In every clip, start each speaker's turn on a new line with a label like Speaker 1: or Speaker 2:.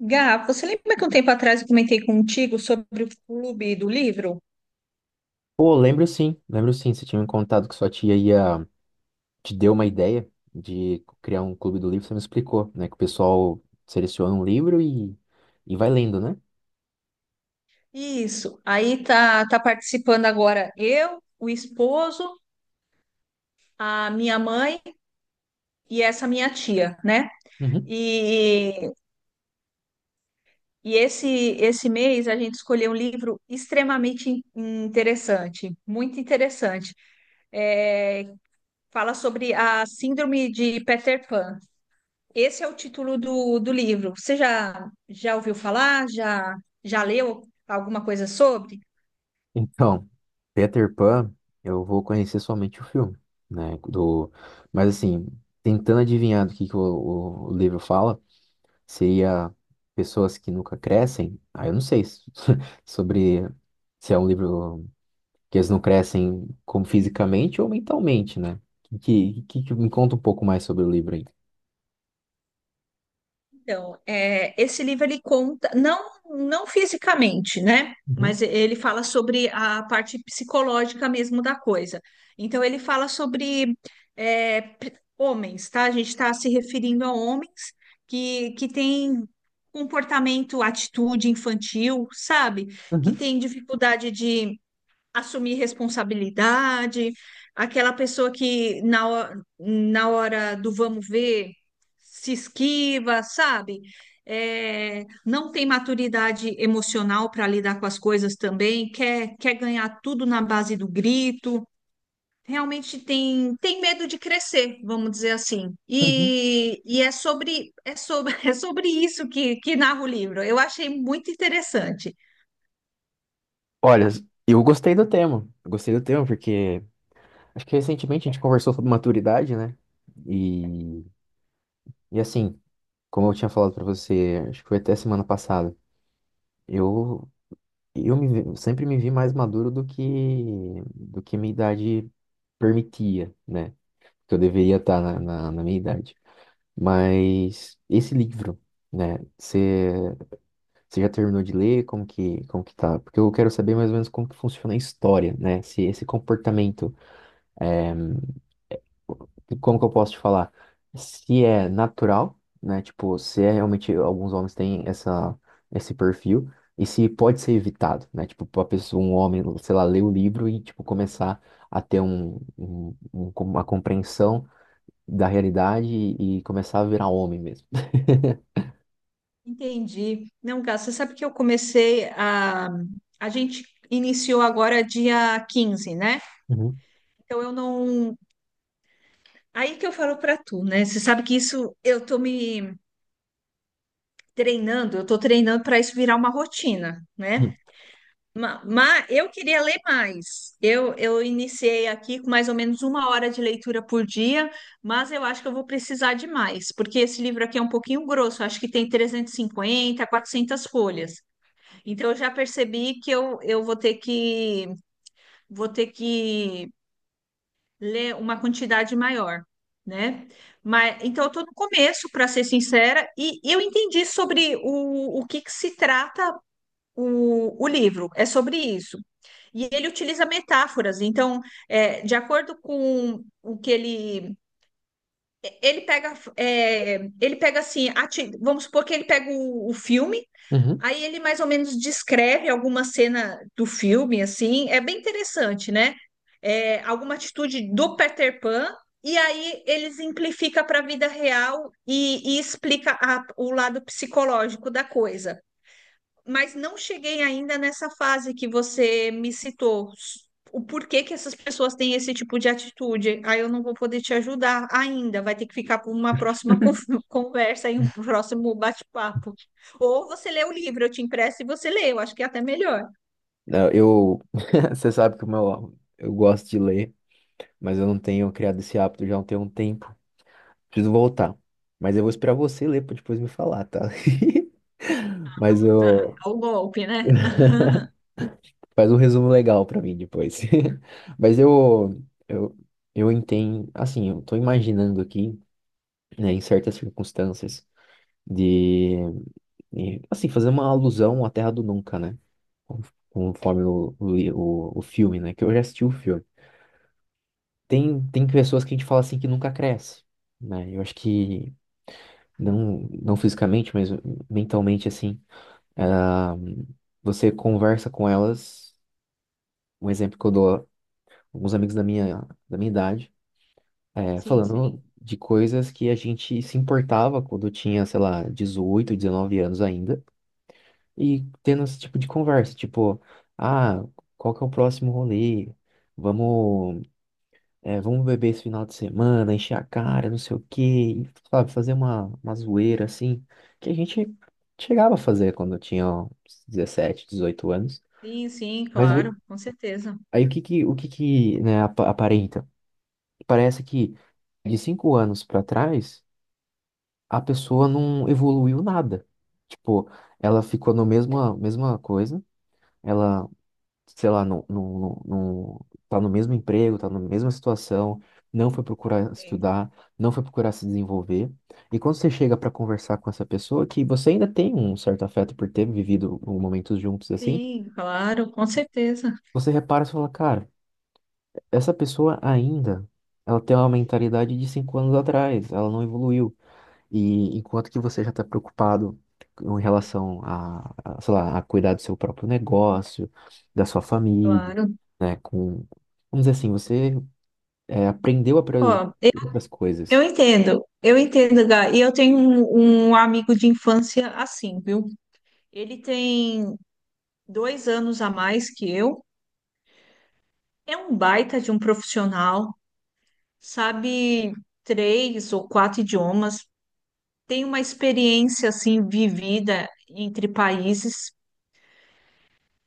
Speaker 1: Gá, você lembra que um tempo atrás eu comentei contigo sobre o clube do livro?
Speaker 2: Pô, lembro sim, lembro sim. Você tinha me contado que sua tia ia te deu uma ideia de criar um clube do livro, você me explicou, né? Que o pessoal seleciona um livro e vai lendo, né?
Speaker 1: Isso. Aí, tá participando agora eu, o esposo, a minha mãe e essa minha tia, né?
Speaker 2: Uhum.
Speaker 1: E, e esse mês a gente escolheu um livro extremamente interessante, muito interessante. É, fala sobre a síndrome de Peter Pan. Esse é o título do livro. Você já ouviu falar? Já leu alguma coisa sobre?
Speaker 2: Então, Peter Pan, eu vou conhecer somente o filme, né? Do. Mas assim, tentando adivinhar do que o livro fala, seria pessoas que nunca crescem. Ah, eu não sei sobre se é um livro. Que eles não crescem como fisicamente ou mentalmente, né? Que me conta um pouco mais sobre o livro aí.
Speaker 1: Então, é, esse livro ele conta, não, não fisicamente, né?
Speaker 2: Uhum,
Speaker 1: Mas ele fala sobre a parte psicológica mesmo da coisa. Então, ele fala sobre homens, tá? A gente está se referindo a homens que têm comportamento, atitude infantil, sabe? Que
Speaker 2: uhum,
Speaker 1: têm dificuldade de assumir responsabilidade, aquela pessoa que na hora do vamos ver se esquiva, sabe? É, não tem maturidade emocional para lidar com as coisas também, quer ganhar tudo na base do grito. Realmente tem medo de crescer, vamos dizer assim.
Speaker 2: uhum.
Speaker 1: E é sobre isso que narra o livro. Eu achei muito interessante.
Speaker 2: Olha, eu gostei do tema. Eu gostei do tema porque acho que recentemente a gente conversou sobre maturidade, né? E, e assim, como eu tinha falado pra você, acho que foi até semana passada, eu eu sempre me vi mais maduro do que minha idade permitia, né? Que eu deveria estar na minha idade. Mas esse livro, né? Você já terminou de ler? Como que tá? Porque eu quero saber mais ou menos como que funciona a história, né? Se esse comportamento, é, como que eu posso te falar? Se é natural, né? Tipo, se é realmente alguns homens têm essa, esse perfil e se pode ser evitado, né? Tipo, pra pessoa, um homem, sei lá, ler o livro e tipo começar a ter uma compreensão da realidade e começar a virar homem mesmo.
Speaker 1: Entendi. Não, Gá, você sabe que eu comecei a. A gente iniciou agora dia 15, né? Então eu não. Aí que eu falo para tu, né? Você sabe que isso eu tô treinando para isso virar uma rotina,
Speaker 2: Uhum.
Speaker 1: né? Mas eu queria ler mais. Eu iniciei aqui com mais ou menos 1 hora de leitura por dia, mas eu acho que eu vou precisar de mais, porque esse livro aqui é um pouquinho grosso, acho que tem 350, 400 folhas. Então eu já percebi que eu vou ter que ler uma quantidade maior, né? Mas então eu estou no começo, para ser sincera, e eu entendi sobre o que se trata o livro, é sobre isso. E ele utiliza metáforas, então, de acordo com o que ele pega, ele pega assim, vamos supor que ele pega o filme.
Speaker 2: Uhum.
Speaker 1: Aí ele mais ou menos descreve alguma cena do filme, assim, é bem interessante, né? É, alguma atitude do Peter Pan, e aí ele simplifica para a vida real e explica o lado psicológico da coisa, mas não cheguei ainda nessa fase que você me citou. O porquê que essas pessoas têm esse tipo de atitude. Aí eu não vou poder te ajudar ainda. Vai ter que ficar para uma próxima conversa e um próximo bate-papo. Ou você lê o livro, eu te empresto e você lê. Eu acho que é até melhor.
Speaker 2: Não, você sabe que o meu, eu gosto de ler, mas eu não tenho criado esse hábito já há um tem um tempo. Preciso voltar. Mas eu vou esperar você ler para depois me falar, tá? Mas
Speaker 1: Ah,
Speaker 2: eu
Speaker 1: é o golpe, né?
Speaker 2: faz um resumo legal para mim depois. Mas eu, eu entendo, assim, eu tô imaginando aqui, né, em certas circunstâncias de, de, assim, fazer uma alusão à Terra do Nunca, né? Conforme o filme, né? Que eu já assisti o filme. Tem pessoas que a gente fala assim que nunca cresce, né? Eu acho que não, não fisicamente, mas mentalmente assim, ah, você conversa com elas, um exemplo que eu dou alguns amigos da minha idade,
Speaker 1: Sim,
Speaker 2: falando
Speaker 1: sim.
Speaker 2: de coisas que a gente se importava quando tinha, sei lá, 18, 19 anos ainda, e tendo esse tipo de conversa, tipo, ah, qual que é o próximo rolê? Vamos vamos beber esse final de semana, encher a cara, não sei o quê, e, sabe, fazer uma zoeira assim, que a gente chegava a fazer quando eu tinha ó, uns 17, 18 anos.
Speaker 1: Sim, sim,
Speaker 2: Mas
Speaker 1: claro,
Speaker 2: o-
Speaker 1: com certeza.
Speaker 2: aí o que que, né, aparenta? Parece que de 5 anos pra trás, a pessoa não evoluiu nada. Tipo, ela ficou na mesma coisa, ela sei lá, tá no mesmo emprego, tá na mesma situação, não foi procurar
Speaker 1: Sim,
Speaker 2: estudar, não foi procurar se desenvolver. E quando você chega para conversar com essa pessoa, que você ainda tem um certo afeto por ter vivido momentos juntos assim,
Speaker 1: sim, claro, com certeza.
Speaker 2: você repara e fala, cara, essa pessoa ainda, ela tem uma mentalidade de 5 anos atrás, ela não evoluiu. E enquanto que você já está preocupado em relação a, sei lá, a cuidar do seu próprio negócio, da sua família,
Speaker 1: Claro.
Speaker 2: né? Com, vamos dizer assim, você aprendeu a priorizar
Speaker 1: Ó,
Speaker 2: outras
Speaker 1: eu
Speaker 2: coisas.
Speaker 1: entendo, eu entendo, Gá. E eu tenho um amigo de infância assim, viu? Ele tem 2 anos a mais que eu, é um baita de um profissional, sabe três ou quatro idiomas, tem uma experiência assim vivida entre países,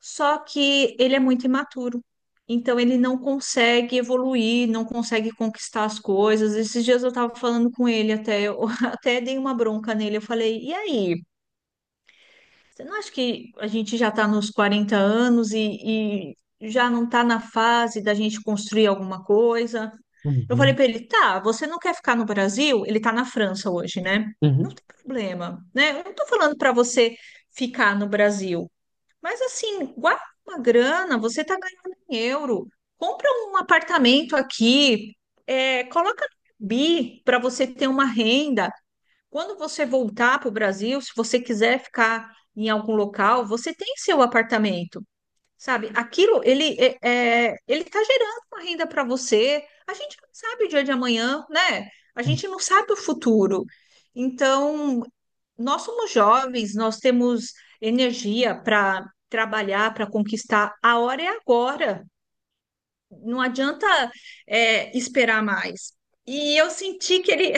Speaker 1: só que ele é muito imaturo. Então ele não consegue evoluir, não consegue conquistar as coisas. Esses dias eu estava falando com ele até, eu até dei uma bronca nele. Eu falei, e aí? Você não acha que a gente já está nos 40 anos e já não está na fase da gente construir alguma coisa? Eu falei
Speaker 2: Uhum.
Speaker 1: para ele, tá, você não quer ficar no Brasil? Ele está na França hoje, né? Não
Speaker 2: Uhum.
Speaker 1: tem problema, né? Eu não estou falando para você ficar no Brasil, mas assim, guarda uma grana, você está ganhando em euro, compra um apartamento aqui, coloca no Airbnb para você ter uma renda. Quando você voltar para o Brasil, se você quiser ficar em algum local, você tem seu apartamento, sabe? Aquilo, ele está gerando uma renda para você. A gente não sabe o dia de amanhã, né? A gente não sabe o futuro. Então, nós somos jovens, nós temos energia para trabalhar, para conquistar. A hora é agora. Não adianta, esperar mais. E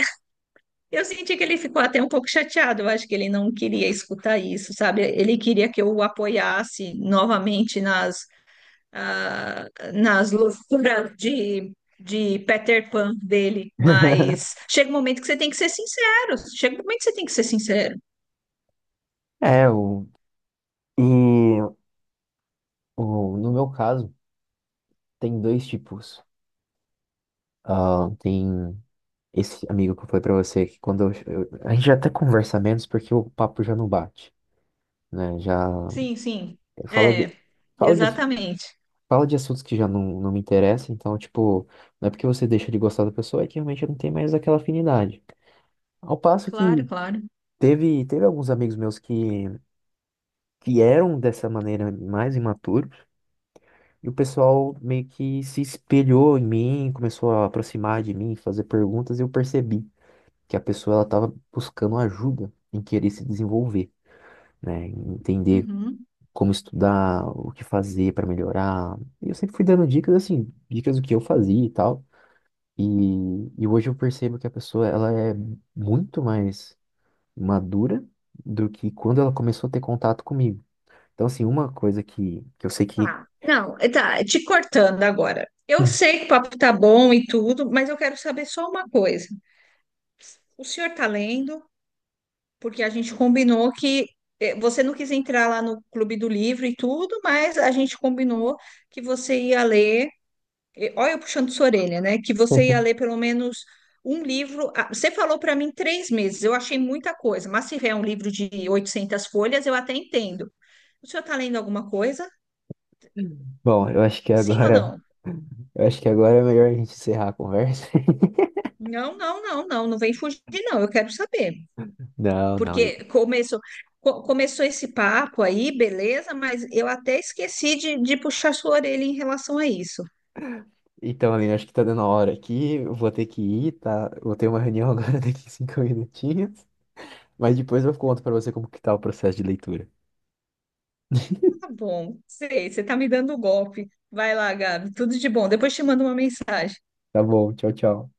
Speaker 1: eu senti que ele ficou até um pouco chateado. Eu acho que ele não queria escutar isso, sabe? Ele queria que eu o apoiasse novamente nas loucuras de Peter Pan dele. Mas chega um momento que você tem que ser sincero. Chega um momento que você tem que ser sincero.
Speaker 2: É, e no meu caso, tem dois tipos. Ah, tem esse amigo que eu falei pra você, que quando a gente já até conversa menos porque o papo já não bate, né? Já
Speaker 1: Sim, sim.
Speaker 2: fala, de-
Speaker 1: É,
Speaker 2: fala de,
Speaker 1: exatamente.
Speaker 2: fala de assuntos que já não, não me interessam, então, tipo, não é porque você deixa de gostar da pessoa, é que realmente não tem mais aquela afinidade. Ao passo
Speaker 1: Claro,
Speaker 2: que
Speaker 1: claro.
Speaker 2: teve alguns amigos meus que eram dessa maneira mais imaturos, e o pessoal meio que se espelhou em mim, começou a aproximar de mim, fazer perguntas, e eu percebi que a pessoa ela estava buscando ajuda em querer se desenvolver, né? Em entender
Speaker 1: Uhum.
Speaker 2: como estudar, o que fazer para melhorar. E eu sempre fui dando dicas assim, dicas do que eu fazia e tal. E, e hoje eu percebo que a pessoa ela é muito mais madura do que quando ela começou a ter contato comigo. Então, assim, uma coisa que eu sei que.
Speaker 1: Tá. Não, tá, te cortando agora. Eu
Speaker 2: Hum.
Speaker 1: sei que o papo tá bom e tudo, mas eu quero saber só uma coisa. O senhor tá lendo? Porque a gente combinou que você não quis entrar lá no Clube do Livro e tudo, mas a gente combinou que você ia ler, olha eu puxando sua orelha, né? Que você ia ler pelo menos um livro. Você falou para mim 3 meses, eu achei muita coisa, mas se vier um livro de 800 folhas, eu até entendo. O senhor está lendo alguma coisa?
Speaker 2: Bom, eu acho que
Speaker 1: Sim ou
Speaker 2: agora.
Speaker 1: não?
Speaker 2: Eu acho que agora é melhor a gente encerrar a conversa.
Speaker 1: Não, não, não, não, não vem fugir, não, eu quero saber.
Speaker 2: Não, não, eu.
Speaker 1: Porque começou, começou esse papo aí, beleza, mas eu até esqueci de puxar sua orelha em relação a isso.
Speaker 2: Então, Aline, acho que tá dando a hora aqui. Eu vou ter que ir, tá? Eu vou ter uma reunião agora daqui 5 minutinhos. Mas depois eu conto pra você como que tá o processo de leitura.
Speaker 1: Tá bom, sei, você tá me dando um golpe. Vai lá, Gabi, tudo de bom. Depois te mando uma mensagem.
Speaker 2: Tá bom, tchau, tchau.